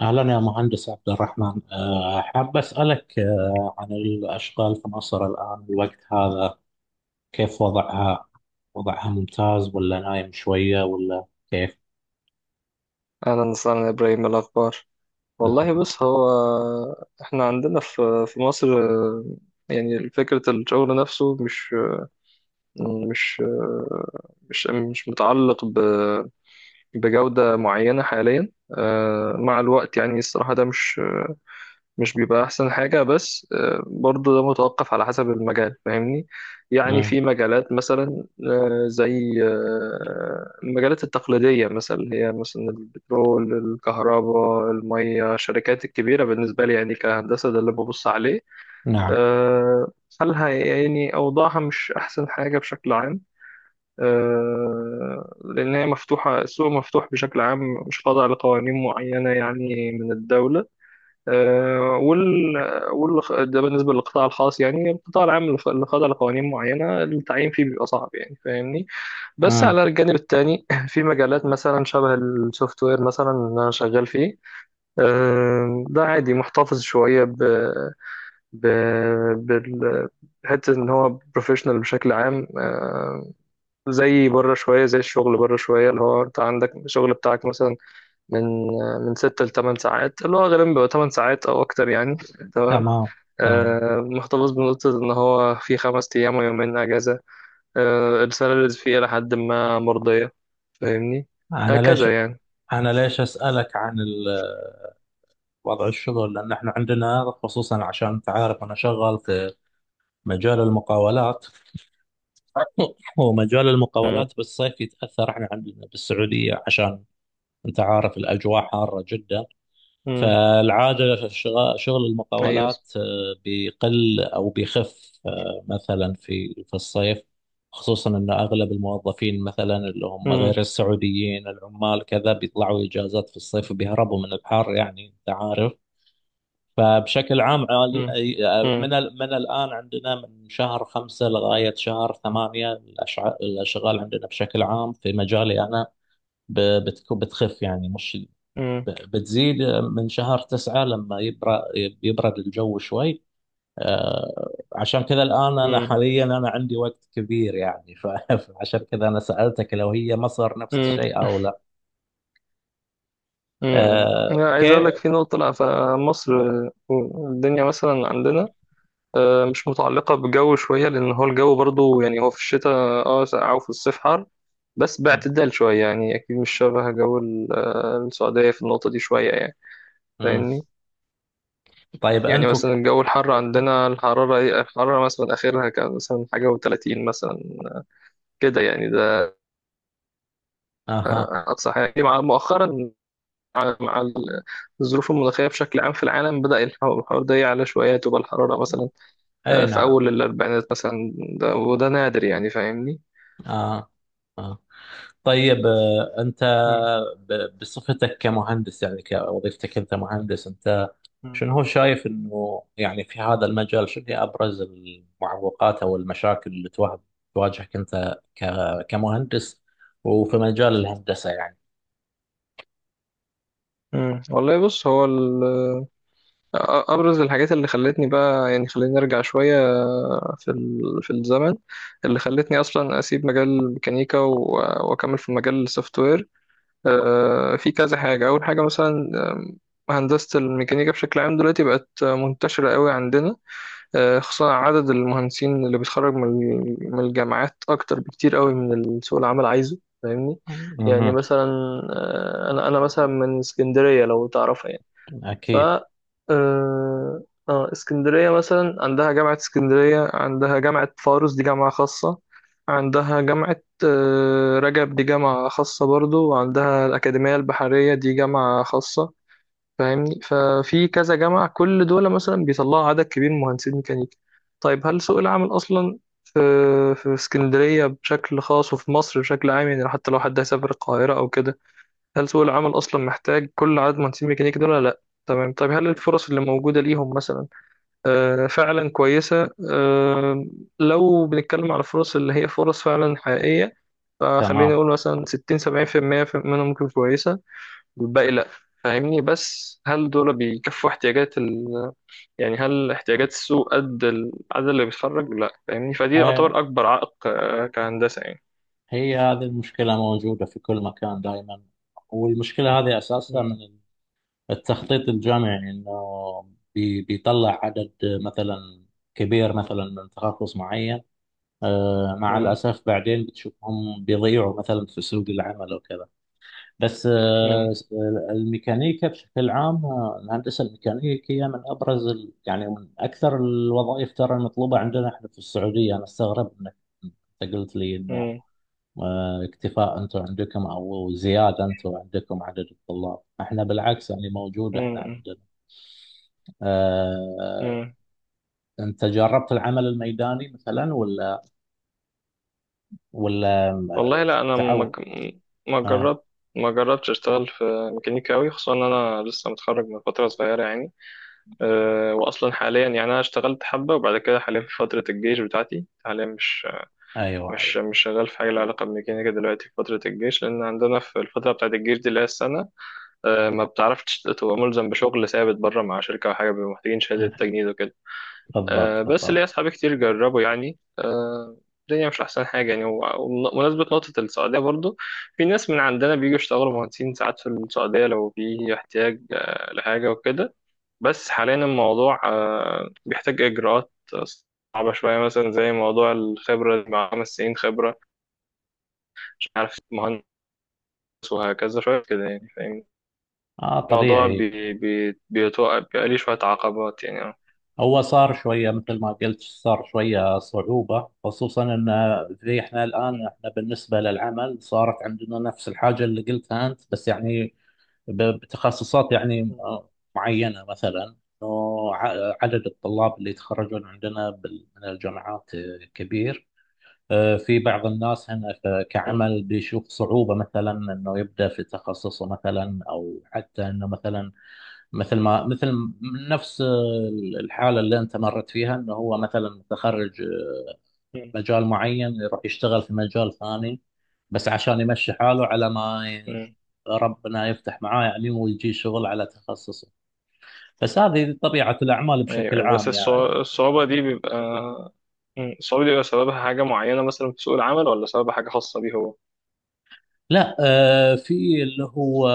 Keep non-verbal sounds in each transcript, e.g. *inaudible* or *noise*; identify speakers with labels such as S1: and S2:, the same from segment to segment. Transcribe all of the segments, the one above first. S1: أهلا يا مهندس عبد الرحمن، حاب أسألك عن الأشغال في مصر الآن الوقت هذا، كيف وضعها؟ وضعها ممتاز ولا نايم شوية ولا كيف
S2: أهلا وسهلا يا إبراهيم، إيه الأخبار؟
S1: الحال؟
S2: والله بص، هو إحنا عندنا في مصر، يعني فكرة الشغل نفسه مش مش آه، مش متعلق بجودة معينة حاليا. مع الوقت يعني الصراحة ده مش بيبقى احسن حاجة، بس برضه ده متوقف على حسب المجال، فاهمني؟ يعني
S1: مم،
S2: في مجالات مثلا زي المجالات التقليدية، مثلا اللي هي مثلا البترول، الكهرباء، المية، الشركات الكبيرة بالنسبة لي يعني كهندسة، ده اللي ببص عليه.
S1: نعم.
S2: آه، حالها يعني أوضاعها مش أحسن حاجة بشكل عام، لأن هي مفتوحة، السوق مفتوح بشكل عام، مش خاضع لقوانين معينة يعني من الدولة. آه، وال وال ده بالنسبة للقطاع الخاص، يعني القطاع العام اللي خاضع لقوانين معينة التعيين فيه بيبقى صعب، يعني فاهمني. بس
S1: مم،
S2: على الجانب التاني *laughs* في مجالات مثلا شبه السوفت وير، مثلا اللي أنا شغال فيه. ده عادي، محتفظ شوية ب بال- بحتة إن هو بروفيشنال بشكل عام، زي بره شوية، زي الشغل بره شوية اللي هو أنت عندك الشغل بتاعك مثلا من من 6-8 ساعات، اللي هو غالبا بيبقى 8 ساعات أو أكتر يعني. تمام.
S1: تمام تمام.
S2: محتفظ بنقطة إن هو في 5 أيام ويومين أجازة. السالاريز فيه إلى حد ما مرضية، فاهمني،
S1: أنا ليش
S2: هكذا يعني.
S1: أنا ليش أسألك عن وضع الشغل، لأن إحنا عندنا خصوصا عشان أنت عارف أنا شغال في مجال المقاولات. *laughs* ومجال
S2: مم.
S1: المقاولات بالصيف يتأثر، إحنا عندنا بالسعودية عشان انت عارف الاجواء حاره جدا.
S2: مم.
S1: فالعاده في شغل
S2: أيوه.
S1: المقاولات بيقل او بيخف، مثلا في الصيف، خصوصا ان اغلب الموظفين مثلا اللي هم
S2: مم.
S1: غير السعوديين، العمال كذا، بيطلعوا اجازات في الصيف وبيهربوا من الحر يعني انت عارف. فبشكل عام
S2: مم. مم.
S1: من من الان عندنا من شهر 5 لغايه شهر 8 الاشغال عندنا بشكل عام في مجالي انا بتخف، يعني مش
S2: مم.
S1: بتزيد. من شهر 9 لما يبرد الجو شوي. عشان كذا الآن أنا
S2: مم.
S1: حاليا أنا عندي وقت كبير يعني *laughs* فعشان كذا أنا سألتك لو هي مصر نفس
S2: مم.
S1: الشيء أو لا.
S2: مم. لا، عايز أقول
S1: كيف؟
S2: لك في نقطة. لأ، فمصر الدنيا مثلا عندنا مش متعلقة بجو شوية، لأن هو الجو برضو يعني، هو في الشتاء اه ساقع وفي الصيف حر، بس
S1: م-
S2: باعتدال شوية يعني، أكيد مش شبه جو السعودية في النقطة دي شوية يعني،
S1: م.
S2: فاهمني.
S1: طيب
S2: يعني
S1: أنتوا
S2: مثلا الجو الحر عندنا، الحرارة إيه، الحرارة مثلا آخرها كان مثلا حاجة و30 مثلا، كده يعني، ده
S1: أها.
S2: أقصى حاجة يعني. مع مؤخرا، مع الظروف المناخية بشكل عام في العالم، بدأ الحوار ده يعلى شوية، تبقى الحرارة مثلا
S1: أي
S2: في
S1: نعم.
S2: أول الأربعينات مثلا. ده وده نادر يعني، فاهمني.
S1: آه. آه. طيب، أنت
S2: مم.
S1: بصفتك كمهندس، يعني كوظيفتك أنت مهندس، أنت
S2: مم.
S1: شنو هو شايف انه يعني في هذا المجال شنو هي ابرز المعوقات او المشاكل اللي تواجهك انت كمهندس وفي مجال الهندسة يعني؟
S2: مم. والله بص، هو أ- أبرز الحاجات اللي خلتني بقى يعني، خليني أرجع شوية في في الزمن اللي خلتني اصلا اسيب مجال الميكانيكا واكمل في مجال السوفت وير. في كذا حاجه، اول حاجه مثلا هندسه الميكانيكا بشكل عام دلوقتي بقت منتشره قوي عندنا. خصوصا عدد المهندسين اللي بيتخرج من الجامعات اكتر بكتير قوي من سوق العمل عايزه، فاهمني. يعني
S1: مهم.
S2: مثلا انا مثلا من اسكندريه لو تعرف. ف
S1: أكيد.
S2: آه آه، اسكندرية مثلا عندها جامعة اسكندرية، عندها جامعة فاروس، دي جامعة خاصة، عندها جامعة رجب، دي جامعة خاصة برضو، وعندها الأكاديمية البحرية، دي جامعة خاصة. فاهمني، ففي كذا جامعة، كل دول مثلا بيطلعوا عدد كبير من مهندسين ميكانيكا. طيب، هل سوق العمل أصلا في في اسكندرية بشكل خاص وفي مصر بشكل عام، يعني حتى لو حد هيسافر القاهرة أو كده، هل سوق العمل أصلا محتاج كل عدد مهندسين ميكانيكا دول ولا لأ؟ تمام. طب هل الفرص اللي موجودة ليهم مثلا فعلا كويسة؟ لو بنتكلم على الفرص اللي هي فرص فعلا حقيقية، فخليني
S1: تمام.
S2: أقول مثلا 60-70% منهم ممكن كويسة، والباقي لأ، فاهمني. بس هل دول بيكفوا احتياجات يعني هل احتياجات السوق قد العدد اللي بيتخرج؟ لأ، فاهمني. فدي
S1: آه،
S2: يعتبر أكبر عائق كهندسة يعني.
S1: هي هذه المشكلة موجودة في كل مكان دائما، والمشكلة هذه أساسها
S2: مم.
S1: من التخطيط الجامعي، إنه بيطلع عدد مثلا كبير مثلا من تخصص معين. مع
S2: مم.
S1: الأسف بعدين بتشوفهم بيضيعوا مثلا في سوق العمل وكذا. بس
S2: مم.
S1: الميكانيكا بشكل عام، الهندسة الميكانيكية من أبرز ال... يعني من أكثر الوظائف ترى المطلوبة عندنا إحنا في السعودية. أنا استغرب إنك أنت قلت لي إنه
S2: مم.
S1: اكتفاء أنتم عندكم أو زيادة. أنتم عندكم عدد الطلاب، إحنا بالعكس يعني موجود إحنا
S2: مم.
S1: عندنا. آه،
S2: مم.
S1: أنت جربت العمل الميداني مثلا، ولا ولا
S2: والله لا،
S1: آه،
S2: انا
S1: تعو
S2: ما
S1: آه
S2: جربت ما جربتش اشتغل في ميكانيكا قوي، خصوصا ان انا لسه متخرج من فتره صغيره يعني. واصلا حاليا يعني، انا اشتغلت حبه وبعد كده حاليا في فتره الجيش بتاعتي، حاليا مش
S1: أيوه
S2: مش
S1: أيوه.
S2: مش شغال في حاجه لها علاقه بالميكانيكا دلوقتي في فتره الجيش، لان عندنا في الفتره بتاعت الجيش دي اللي هي السنه، ما بتعرفش تبقى ملزم بشغل ثابت بره مع شركه او حاجه، بيبقوا محتاجين شهاده
S1: آه،
S2: تجنيد وكده.
S1: بالضبط
S2: بس
S1: بالضبط.
S2: ليا أصحابي كتير جربوا يعني، الدنيا مش أحسن حاجة يعني. ومناسبة نقطة السعودية برضو، في ناس من عندنا بيجوا يشتغلوا مهندسين ساعات في السعودية لو في احتياج لحاجة وكده. بس حاليا الموضوع بيحتاج إجراءات صعبة شوية، مثلا زي موضوع الخبرة، مع 5 سنين خبرة، مش عارف مهندس، وهكذا شوية كده يعني، فاهم؟
S1: آه
S2: الموضوع
S1: طبيعي.
S2: بي بي بيتوقع بيبقى ليه شوية عقبات يعني اه.
S1: هو صار شوية مثل ما قلت، صار شوية صعوبة، خصوصا ان زي احنا
S2: م-
S1: الان احنا بالنسبة للعمل صارت عندنا نفس الحاجة اللي قلتها انت، بس يعني بتخصصات يعني معينة مثلا، انه عدد الطلاب اللي يتخرجون عندنا من الجامعات كبير. اه، في بعض الناس هنا
S2: م-
S1: كعمل بيشوف صعوبة، مثلا انه يبدأ في تخصصه مثلا، او حتى انه مثلا مثل ما مثل نفس الحالة اللي أنت مرت فيها، إنه هو مثلا متخرج
S2: م-
S1: مجال معين يروح يشتغل في مجال ثاني، بس عشان يمشي حاله على ما
S2: م-
S1: ربنا يفتح معاه يعني، ويجي شغل على تخصصه. بس هذه طبيعة الأعمال بشكل
S2: ايوه. بس
S1: عام يعني.
S2: الصعوبة دي بيبقى، مم، الصعوبة دي بيبقى سببها حاجة معينة مثلا في سوق العمل، ولا سببها حاجة خاصة بيه هو؟
S1: لا، في اللي هو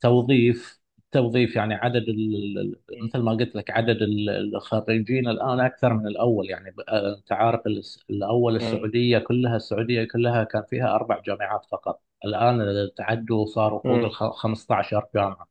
S1: توظيف توظيف، يعني عدد
S2: مم.
S1: مثل ما قلت لك عدد الخريجين الآن أكثر من الأول، يعني أنت عارف الأول
S2: مم.
S1: السعودية كلها، السعودية كلها كان فيها أربع جامعات فقط. الآن تعدوا صاروا فوق ال
S2: مم.
S1: 15 جامعة.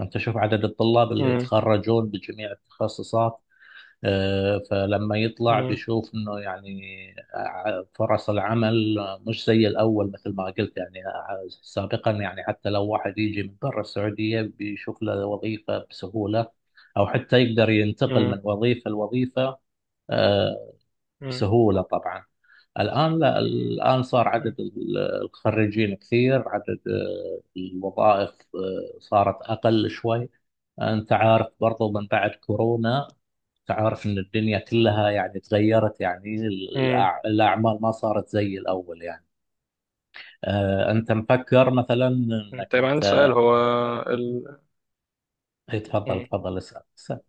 S1: أنت شوف عدد الطلاب اللي
S2: مم.
S1: يتخرجون بجميع التخصصات. فلما يطلع
S2: مم.
S1: بيشوف انه يعني فرص العمل مش زي الاول مثل ما قلت يعني، سابقا يعني حتى لو واحد يجي من برا السعوديه بيشوف له وظيفه بسهوله، او حتى يقدر ينتقل
S2: مم.
S1: من وظيفه لوظيفه آه،
S2: مم.
S1: بسهوله طبعا. الان لا، الان صار عدد الخريجين كثير، عدد الوظائف صارت اقل شوي. انت عارف برضو من بعد كورونا تعرف ان الدنيا كلها يعني تغيرت، يعني
S2: مم.
S1: الاعمال ما صارت زي الاول يعني. انت مفكر مثلا
S2: مم.
S1: انك
S2: طيب، عندي
S1: انت.
S2: سؤال. ال...
S1: إيه، تفضل
S2: مم.
S1: تفضل اسال اسال.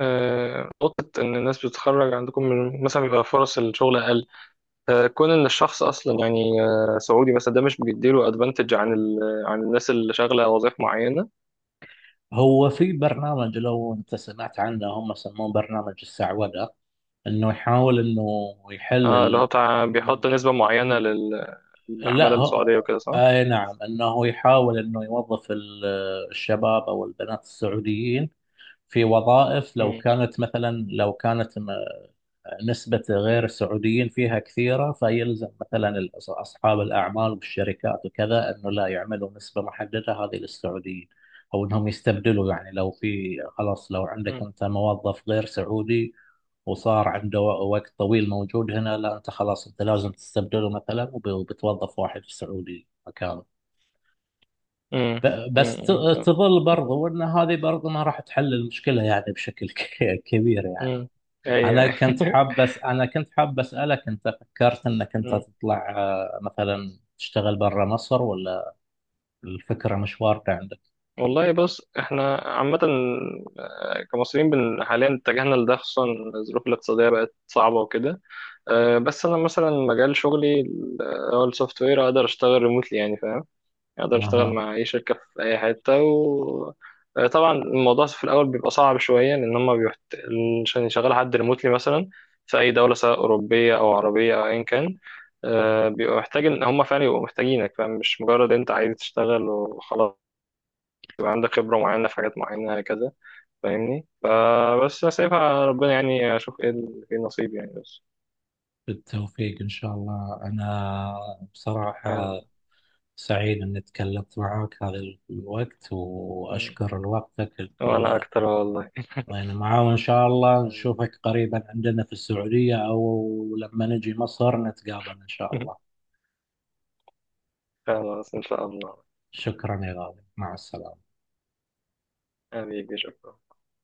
S2: نقطة إن الناس بتتخرج عندكم من مثلا، بيبقى فرص الشغل أقل، كون إن الشخص أصلا يعني سعودي مثلا، ده مش بيديله أدفانتج عن عن الناس اللي شغالة وظائف معينة.
S1: هو في برنامج لو انت سمعت عنه، هم يسموه برنامج السعوده، انه يحاول انه يحل
S2: اللي هو
S1: ال...
S2: بتاع بيحط نسبة معينة للعمالة
S1: لا،
S2: السعودية وكده، صح؟
S1: اي نعم، انه يحاول انه يوظف الشباب او البنات السعوديين في وظائف، لو
S2: مم.
S1: كانت مثلا لو كانت نسبة غير السعوديين فيها كثيرة، فيلزم مثلا أصحاب الأعمال والشركات وكذا أنه لا يعملوا نسبة محددة هذه للسعوديين، أو أنهم يستبدلوا. يعني لو في خلاص، لو عندك
S2: مم.
S1: أنت موظف غير سعودي وصار عنده وقت طويل موجود هنا، لا، أنت خلاص أنت لازم تستبدله مثلا، وبتوظف واحد سعودي مكانه.
S2: مم.
S1: بس
S2: مم.
S1: تظل برضو أن هذه برضو ما راح تحل المشكلة يعني بشكل *laughs* كبير يعني.
S2: مم. ايوه. *laughs*
S1: انا كنت حاب اسالك، انت فكرت انك انت
S2: مم.
S1: تطلع مثلا تشتغل برا مصر، ولا الفكره مش واردة عندك؟
S2: والله بص، احنا عامة كمصريين، حاليا اتجهنا لده، خصوصا الظروف الاقتصادية بقت صعبة وكده. بس انا مثلا مجال شغلي اللي هو السوفت وير، اقدر اشتغل ريموتلي يعني، فاهم؟ اقدر اشتغل
S1: اها.
S2: مع اي شركه في اي حته، و طبعا الموضوع في الاول بيبقى صعب شويه، لان هم عشان يشغل حد ريموتلي مثلا في اي دوله، سواء اوروبيه او عربيه او ايا كان، بيبقى محتاج ان هم فعلا يبقوا محتاجينك، فاهم؟ مش مجرد انت عايز تشتغل وخلاص، يبقى عندك خبره معينه في حاجات معينه هكذا، فاهمني. فبس سايبها على ربنا يعني، اشوف ايه ايه النصيب يعني بس.
S1: بالتوفيق ان شاء الله. انا بصراحه
S2: آمين.
S1: سعيد اني تكلمت معك هذا الوقت،
S2: مم.
S1: واشكر لوقتك
S2: وانا اكتر والله.
S1: يعني معاه، وان شاء الله
S2: طيب.
S1: نشوفك قريبا عندنا في السعوديه، او لما نجي مصر نتقابل ان شاء الله.
S2: *laughs* خلاص ان شاء الله.
S1: شكرا يا غالي، مع السلامه.
S2: حبيبي شكرا.